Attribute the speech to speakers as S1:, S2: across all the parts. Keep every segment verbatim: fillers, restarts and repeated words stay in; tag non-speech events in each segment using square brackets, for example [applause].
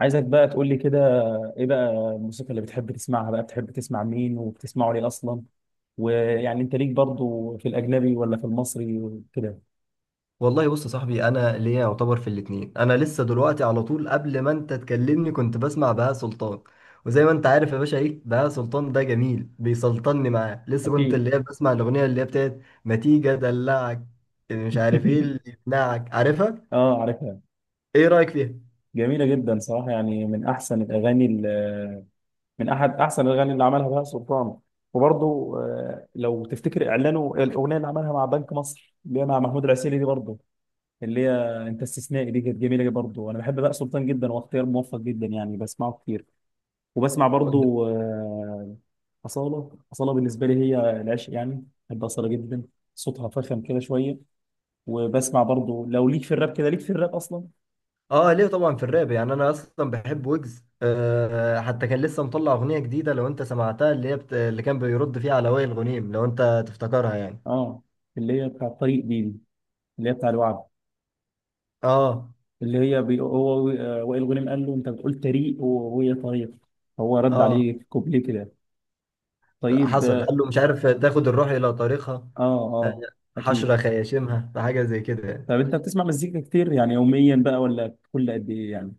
S1: عايزك بقى تقول لي كده، ايه بقى الموسيقى اللي بتحب تسمعها بقى؟ بتحب تسمع مين وبتسمعه ليه اصلا؟ ويعني انت ليك برضو في الاجنبي ولا في المصري وكده؟
S2: والله بص يا صاحبي، انا ليا يعتبر في الاتنين. انا لسه دلوقتي على طول قبل ما انت تكلمني كنت بسمع بهاء سلطان. وزي ما انت عارف يا باشا، ايه بهاء سلطان ده جميل، بيسلطني معاه. لسه كنت
S1: اكيد.
S2: اللي هي بسمع الاغنيه اللي هي بتاعت ما تيجي ادلعك، مش عارف ايه اللي
S1: [laughs]
S2: يقنعك. عارفها؟
S1: اه، عارفها.
S2: ايه رايك فيها؟
S1: جميله جدا صراحه، يعني من احسن الاغاني ال- من احد احسن الاغاني اللي عملها بهاء سلطان. وبرضو آه، لو تفتكر اعلانه، الاغنيه اللي عملها مع بنك مصر اللي هي مع محمود العسيلي دي برضو، اللي هي انت استثنائي دي، كانت جميله برضو. انا بحب بهاء سلطان جدا، واختيار موفق جدا يعني، بسمعه كتير. وبسمع
S2: قول.
S1: برضو آه، أصالة. أصالة بالنسبة لي هي العشق، يعني بحب أصالة جدا. صوتها فخم كده شوية. وبسمع برضو لو ليك في الراب كده، ليك في الراب أصلا.
S2: اه، ليه طبعا في الراب. يعني انا اصلا بحب ويجز، أه. حتى كان لسه مطلع اغنيه جديده، لو انت سمعتها، اللي هي بت... اللي كان بيرد فيها على وائل غنيم، لو انت تفتكرها يعني
S1: اه، اللي هي بتاع طريق دي دي، اللي هي بتاع الوعد.
S2: اه،
S1: اللي هي بي... هو آه، وائل غنيم قال له أنت بتقول طريق و- وهي طريق، فهو رد
S2: اه،
S1: عليه في كوبليه كده. طيب،
S2: حصل
S1: اه.
S2: قال له مش عارف تاخد الروح إلى طريقها. آه،
S1: اه، أكيد.
S2: حشرة خياشمها، فحاجة زي كده يعني.
S1: طب أنت بتسمع مزيكا كتير يعني يوميا بقى ولا كل قد إيه يعني؟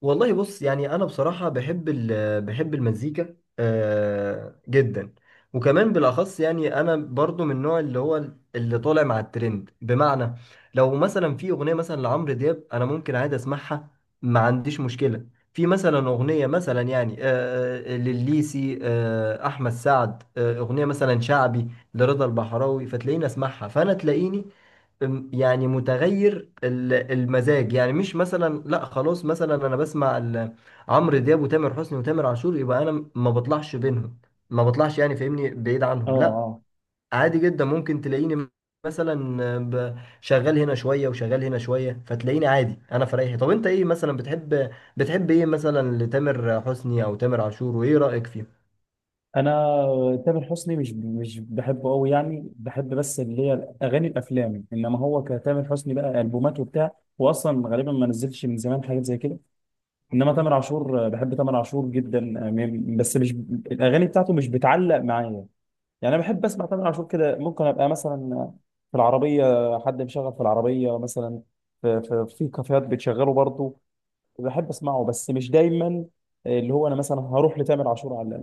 S2: والله بص، يعني انا بصراحه بحب ال- بحب المزيكا آه، جدا. وكمان بالاخص، يعني انا برضو من النوع اللي هو اللي طالع مع الترند. بمعنى، لو مثلا في اغنيه مثلا لعمرو دياب، انا ممكن عادي اسمعها، ما عنديش مشكله. في مثلا اغنيه مثلا يعني آه، آه، لليسي، آه، احمد سعد، آه، اغنيه مثلا شعبي لرضا البحراوي، فتلاقيني اسمعها. فانا تلاقيني أم- يعني متغير ال- المزاج. يعني مش مثلا لا خلاص مثلا انا بسمع ال- عمرو دياب وتامر حسني وتامر عاشور، يبقى انا م- ما بطلعش بينهم. ما بطلعش، يعني فاهمني، بعيد
S1: اه،
S2: عنهم، لا.
S1: آه.
S2: عادي جدا ممكن تلاقيني مثلا ب- شغال هنا شوية وشغال هنا شوية. فتلاقيني عادي انا في رايحي. طب انت ايه مثلا بتحب بتحب ايه مثلا لتامر حسني او تامر عاشور، وايه رأيك فيه؟
S1: انا تامر حسني مش مش بحبه قوي يعني، بحب بس اللي هي اغاني الافلام، انما هو كتامر حسني بقى، البومات وبتاع، هو اصلا غالبا ما نزلش من زمان حاجات زي كده. انما تامر عاشور آه، بحب تامر عاشور جدا. آه، م- بس مش الاغاني بتاعته مش بتعلق معايا. يعني انا بحب اسمع تامر عاشور كده، ممكن ابقى مثلا في العربيه، حد مشغل في العربيه مثلا، في في, في كافيهات بتشغله برضه، بحب اسمعه بس مش دايما. اللي هو انا مثلا هروح لتامر عاشور على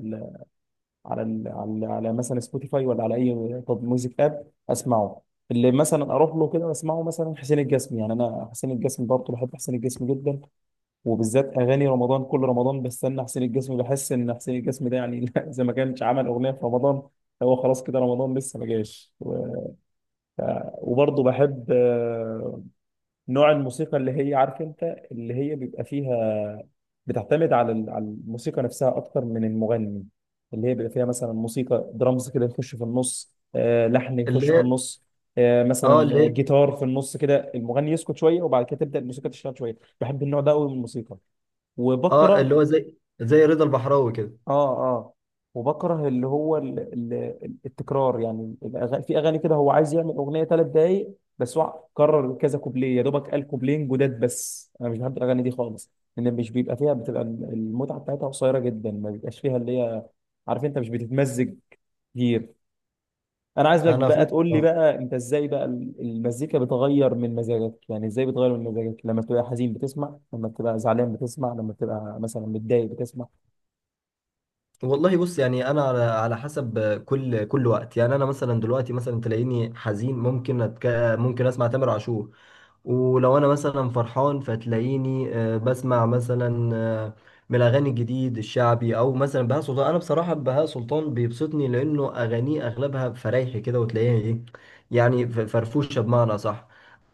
S1: على ال على على مثلا سبوتيفاي، ولا على اي طب ميوزك اب، اسمعه. اللي مثلا اروح له كده اسمعه مثلا حسين الجسمي، يعني انا حسين الجسمي برضه، بحب حسين الجسمي جدا، وبالذات اغاني رمضان. كل رمضان بستنى حسين الجسمي، بحس ان حسين الجسمي ده يعني [laughs] اذا ما كانش عمل اغنيه في رمضان هو خلاص كده رمضان لسه ما جاش. و- وبرضه بحب نوع الموسيقى اللي هي، عارف انت، اللي هي بيبقى فيها، بتعتمد على ال- على الموسيقى نفسها اكتر من المغني. اللي هي بيبقى فيها مثلا موسيقى درامز كده يخش في النص، آه، لحن يخش
S2: اللي
S1: في
S2: هي.
S1: النص، آه،
S2: اه، اللي
S1: مثلا
S2: هي.
S1: جيتار في النص كده، المغني يسكت شويه وبعد كده تبدا الموسيقى تشتغل شويه. بحب النوع ده قوي من الموسيقى.
S2: اه،
S1: وبكره.
S2: اللي هو زي، زي رضا البحراوي كده.
S1: اه، اه. وبكره اللي هو ال ال ال- التكرار، يعني الأغاني، في اغاني كده هو عايز يعمل اغنيه ثلاث دقايق، بس هو كرر كذا كوبليه، يا دوبك قال كوبلين جداد. بس انا مش بحب الاغاني دي خالص، لان مش بيبقى فيها، بتبقى المتعه بتاعتها قصيره جدا، ما بيبقاش فيها اللي هي، عارف انت، مش بتتمزج كتير. انا عايزك
S2: انا
S1: بقى
S2: فاهم،
S1: تقول لي
S2: آه.
S1: بقى، انت ازاي بقى ال- المزيكا بتغير من مزاجك؟ يعني ازاي بتغير من مزاجك لما بتبقى حزين بتسمع، لما بتبقى زعلان بتسمع، لما بتبقى مثلا متضايق بتسمع؟
S2: والله بص، يعني انا على على حسب كل كل وقت. يعني انا مثلا دلوقتي مثلا تلاقيني حزين، ممكن أتك... ممكن اسمع تامر عاشور. ولو انا مثلا فرحان، فتلاقيني آه، بسمع مثلا آه، من الاغاني الجديد الشعبي، او مثلا بهاء سلطان. انا بصراحه بهاء سلطان بيبسطني، لانه اغانيه اغلبها فرايحي كده، وتلاقيها ايه، يعني ف- فرفوشه بمعنى صح.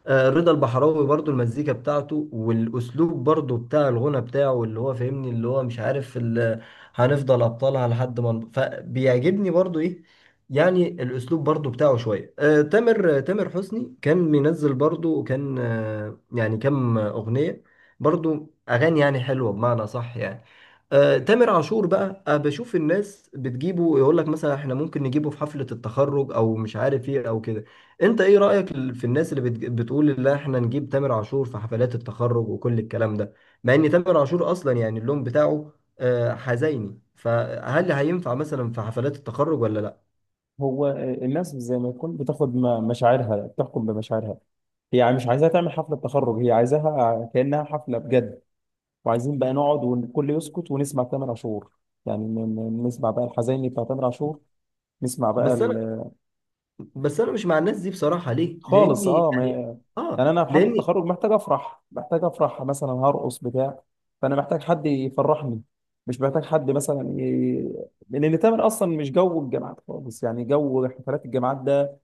S2: آه، رضا البحراوي برضو، المزيكا بتاعته والاسلوب برضو بتاع الغنى بتاعه، اللي هو فاهمني، اللي هو مش عارف ال- هنفضل ابطالها لحد ما ن- فبيعجبني برضو ايه، يعني الاسلوب برضو بتاعه شويه. آه، تامر آه، تامر حسني كان منزل برضو كان آه، يعني كم اغنيه، برضو اغاني يعني حلوه بمعنى صح يعني. آه، تامر عاشور بقى، آه، بشوف الناس بتجيبه يقول لك مثلا احنا ممكن نجيبه في حفله التخرج، او مش عارف ايه او كده. انت ايه رأيك ال- في الناس اللي بتج- بتقول ان احنا نجيب تامر عاشور في حفلات التخرج وكل الكلام ده؟ مع ان تامر عاشور اصلا يعني اللون بتاعه آه، حزيني، فهل هينفع مثلا في حفلات التخرج ولا لا؟
S1: هو الناس زي ما يكون بتاخد م- مشاعرها، بتحكم بمشاعرها. هي يعني مش عايزاها تعمل حفلة تخرج، هي عايزاها كأنها حفلة بجد، وعايزين بقى نقعد والكل يسكت ونسمع تامر عاشور. يعني ن- ن- نسمع بقى الحزيني بتاع تامر عاشور، نسمع بقى
S2: بس انا
S1: ال...
S2: بس انا مش مع الناس دي بصراحة. ليه؟
S1: خالص.
S2: لاني
S1: اه،
S2: يعني،
S1: ما...
S2: اه،
S1: يعني انا في حفلة
S2: لان،
S1: التخرج محتاج افرح، محتاج افرح مثلا، هرقص بتاع، فانا محتاج حد يفرحني، مش محتاج حد مثلا ي... لان تامر اصلا مش جو الجامعات خالص، يعني جو حفلات الجامعات ده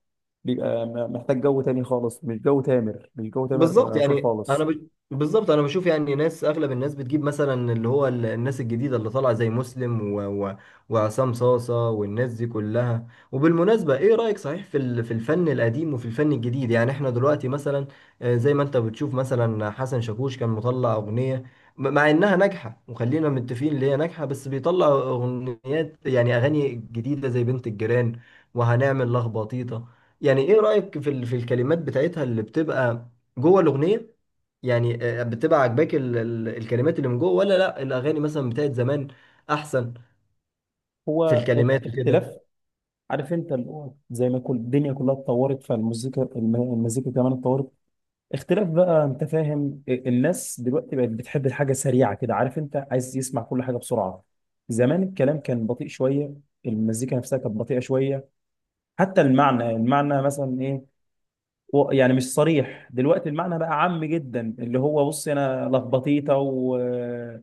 S1: بيبقى م- محتاج جو تاني خالص، مش جو تامر، مش جو تامر
S2: بالظبط.
S1: عاشور
S2: يعني انا
S1: خالص.
S2: ب... بالظبط انا بشوف يعني ناس، اغلب الناس بتجيب مثلا اللي هو ال- الناس الجديده اللي طالعه زي مسلم و... و... وعصام صاصه والناس دي كلها. وبالمناسبه، ايه رايك صحيح في ال... في الفن القديم وفي الفن الجديد؟ يعني احنا دلوقتي مثلا، آه، زي ما انت بتشوف مثلا حسن شاكوش كان مطلع اغنيه، م- مع انها ناجحه وخلينا متفقين ان هي ناجحه، بس بيطلع اغنيات يعني اغاني جديده زي بنت الجيران وهنعمل لخبطيطه. يعني ايه رايك في ال... في الكلمات بتاعتها اللي بتبقى جوه الاغنيه؟ يعني آه، بتبقى عاجباك ال- ال- الكلمات اللي من جوه، ولا لا الاغاني مثلا بتاعت زمان احسن
S1: هو
S2: في
S1: اخ-
S2: الكلمات وكده؟
S1: اختلاف، عارف انت، اللي هو زي ما كل الدنيا كلها اتطورت، فالمزيكا الم- المزيكا كمان اتطورت. اختلاف بقى، انت فاهم، ال- الناس دلوقتي بقت بتحب الحاجه سريعه كده، عارف انت، عايز يسمع كل حاجه بسرعه. زمان الكلام كان بطيء شويه، المزيكا نفسها كانت بطيئه شويه، حتى المعنى، المعنى مثلا ايه، و- يعني مش صريح. دلوقتي المعنى بقى عام جدا، اللي هو، بص، انا لخبطيطه، و-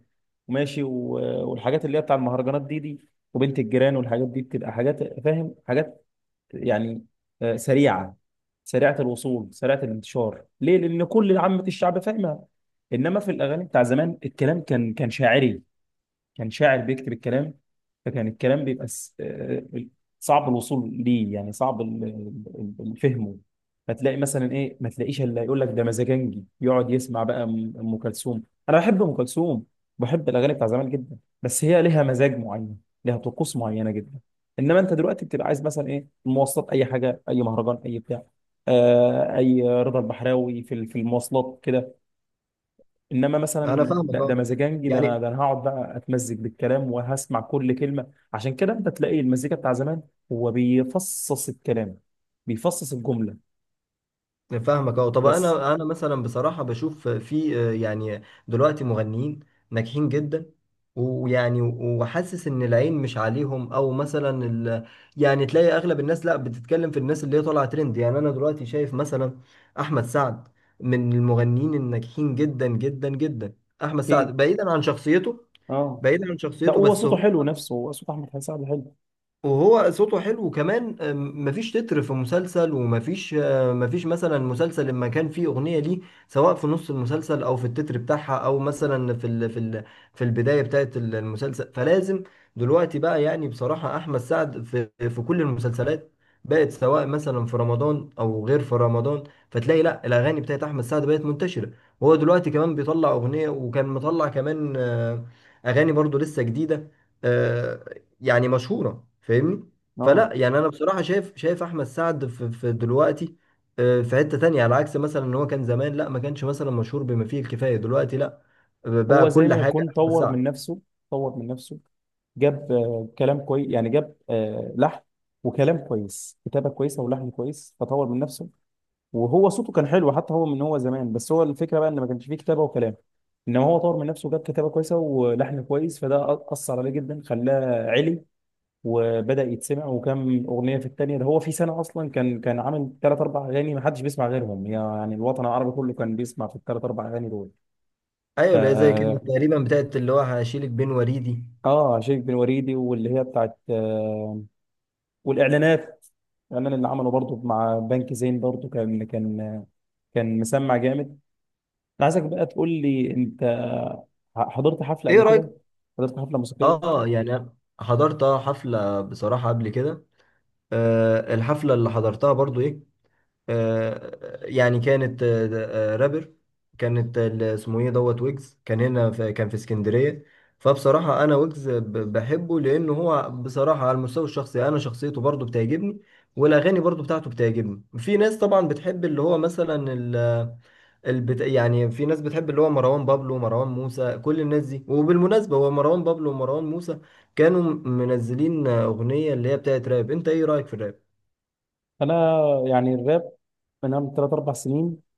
S1: وماشي، و- والحاجات اللي هي بتاع المهرجانات دي دي، وبنت الجيران والحاجات دي، بتبقى حاجات فاهم، حاجات يعني آه، سريعه، سريعه الوصول، سريعه الانتشار، ليه؟ لان كل عامه الشعب فاهمها. انما في الاغاني بتاع زمان الكلام كان كان شاعري، كان شاعر بيكتب الكلام، فكان الكلام بيبقى س- آه، صعب الوصول ليه، يعني صعب ال- ال- ال- فهمه. فتلاقي مثلا ايه، ما تلاقيش الا يقول لك ده مزاجنجي، يقعد يسمع بقى ام أم كلثوم. انا بحب ام كلثوم، بحب الاغاني بتاع زمان جدا، بس هي ليها مزاج معين، ليها طقوس معينه جدا. انما انت دلوقتي بتبقى عايز مثلا ايه، المواصلات، اي حاجه، اي مهرجان، اي بتاع، آه اي رضا البحراوي في ال- في المواصلات كده. انما مثلا
S2: انا فاهمك،
S1: لا، ده
S2: اه،
S1: مزاجنجي، ده انا،
S2: يعني
S1: ده انا هقعد بقى اتمزج بالكلام وهسمع كل كلمه. عشان كده انت تلاقي المزيكا بتاع زمان، هو بيفصص الكلام، بيفصص الجمله.
S2: فاهمك، اه. طب
S1: بس،
S2: انا، انا مثلا بصراحه بشوف في آه، يعني دلوقتي مغنيين ناجحين جدا. ويعني وحاسس ان العين مش عليهم، او مثلا ال... يعني تلاقي اغلب الناس لا بتتكلم في الناس اللي هي طالعه ترند. يعني انا دلوقتي شايف مثلا احمد سعد من المغنيين الناجحين جدا جدا جدا. احمد
S1: اكيد.
S2: سعد بعيدا عن شخصيته،
S1: اه.
S2: بعيدا عن
S1: لا،
S2: شخصيته،
S1: هو
S2: بس
S1: صوته
S2: هو،
S1: حلو نفسه، هو صوت احمد حسين سعد حلو.
S2: وهو صوته حلو. وكمان أم، مفيش تتر في مسلسل، ومفيش آه، مفيش مثلا مسلسل لما كان فيه أغنية ليه، سواء في نص المسلسل أو في التتر بتاعها، أو مثلا في ال في ال في البداية بتاعت ال- المسلسل، فلازم. دلوقتي بقى يعني بصراحة أحمد سعد في في كل المسلسلات بقت، سواء مثلا في رمضان أو غير في رمضان. فتلاقي لا الأغاني بتاعت أحمد سعد بقت منتشرة. وهو دلوقتي كمان بيطلع أغنية، وكان مطلع كمان آه، أغاني برضو لسه جديدة، آه، يعني مشهورة، فاهمني.
S1: اه،
S2: فلا يعني انا اه بصراحة شايف شايف احمد سعد في, في دلوقتي آه، في حتة تانية، على عكس مثلا ان هو كان زمان لا، ما كانش مثلا مشهور بما فيه الكفاية. دلوقتي لا، بقى
S1: هو زي
S2: كل لا
S1: ما
S2: حاجة
S1: يكون
S2: احمد
S1: طور
S2: سعد.
S1: من نفسه، طور من نفسه، جاب آه كلام كويس يعني، جاب آه لحن وكلام كويس، كتابه كويسه ولحن كويس، فطور من نفسه. وهو صوته كان حلو حتى هو، من هو زمان، بس هو الفكره بقى ان ما كانش فيه كتابه وكلام. انما هو طور من نفسه وجاب كتابه كويسه ولحن كويس، فده أ- اثر عليه جدا، خلاه علي وبدا يتسمع. وكم اغنيه في الثانيه ده، هو في سنه اصلا كان كان عامل ثلاث اربع اغاني ما حدش بيسمع غيرهم، يعني الوطن العربي كله كان بيسمع في الثلاث اربع اغاني دول.
S2: ايوه اللي هي زي، كانت
S1: ف
S2: تقريبا بتاعت اللي هو هشيلك بين وريدي.
S1: اه شيخ بن وريدي، واللي هي بتاعت آه والاعلانات، الاعلان اللي عمله برضه مع بنك زين برضه، كان كان كان مسمع جامد. انا عايزك بقى تقول لي، انت حضرت حفله
S2: ايه
S1: قبل
S2: رأيك؟
S1: كده؟ حضرت حفله موسيقيه؟
S2: اه، يعني أنا حضرت حفلة بصراحة قبل كده. آه، الحفلة اللي حضرتها برضو ايه، آه، يعني كانت آه، آه، رابر. كانت ال- اسمه ايه دوت ويجز. كان هنا، في، كان في اسكندرية. فبصراحة انا ويجز ب- بحبه، لان هو بصراحة على المستوى الشخصي انا شخصيته برضو بتعجبني، والاغاني برضو بتاعته بتعجبني. في ناس طبعا بتحب اللي هو مثلا ال البت... يعني في ناس بتحب اللي هو مروان بابلو ومروان موسى، كل الناس دي. وبالمناسبة هو مروان بابلو ومروان موسى كانوا منزلين أغنية اللي هي بتاعت راب. انت ايه رأيك في الراب؟
S1: انا يعني الراب من ثلاث اربع سنين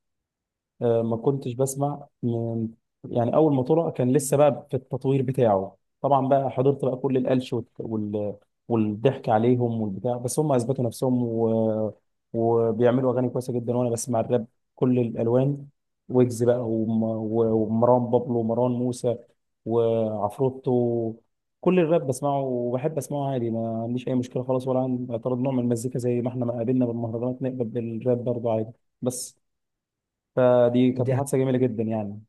S1: آه، ما كنتش بسمع من، يعني اول ما طلع كان لسه بقى في التطوير بتاعه طبعا، بقى حضرت بقى كل القلش والت- وال... والضحك عليهم والبتاع، بس هم اثبتوا نفسهم و... وبيعملوا اغاني كويسه جدا. وانا بسمع الراب كل الالوان، ويجز بقى وم... و- ومروان بابلو ومروان موسى وعفروتو، كل الراب بسمعه وبحب اسمعه عادي، ما عنديش اي مشكله خالص، ولا عندي اعتراض نوع من المزيكا، زي ما احنا ما قابلنا بالمهرجانات نقبل بالراب برضه عادي. بس، فدي كانت محادثة جميلة جدا يعني.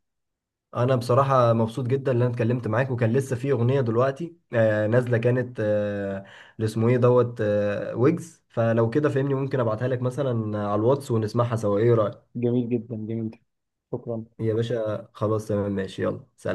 S2: انا بصراحه مبسوط جدا ان انا اتكلمت معاك. وكان لسه في اغنيه دلوقتي آه، نازله كانت آه، اللي اسمه ايه دوت آه، ويجز. فلو كده فهمني، ممكن ابعتها لك مثلا على الواتس ونسمعها سوا، ايه رايك؟
S1: جميل جدا، جميل. شكرا.
S2: يا باشا خلاص، تمام، ماشي، يلا سلام.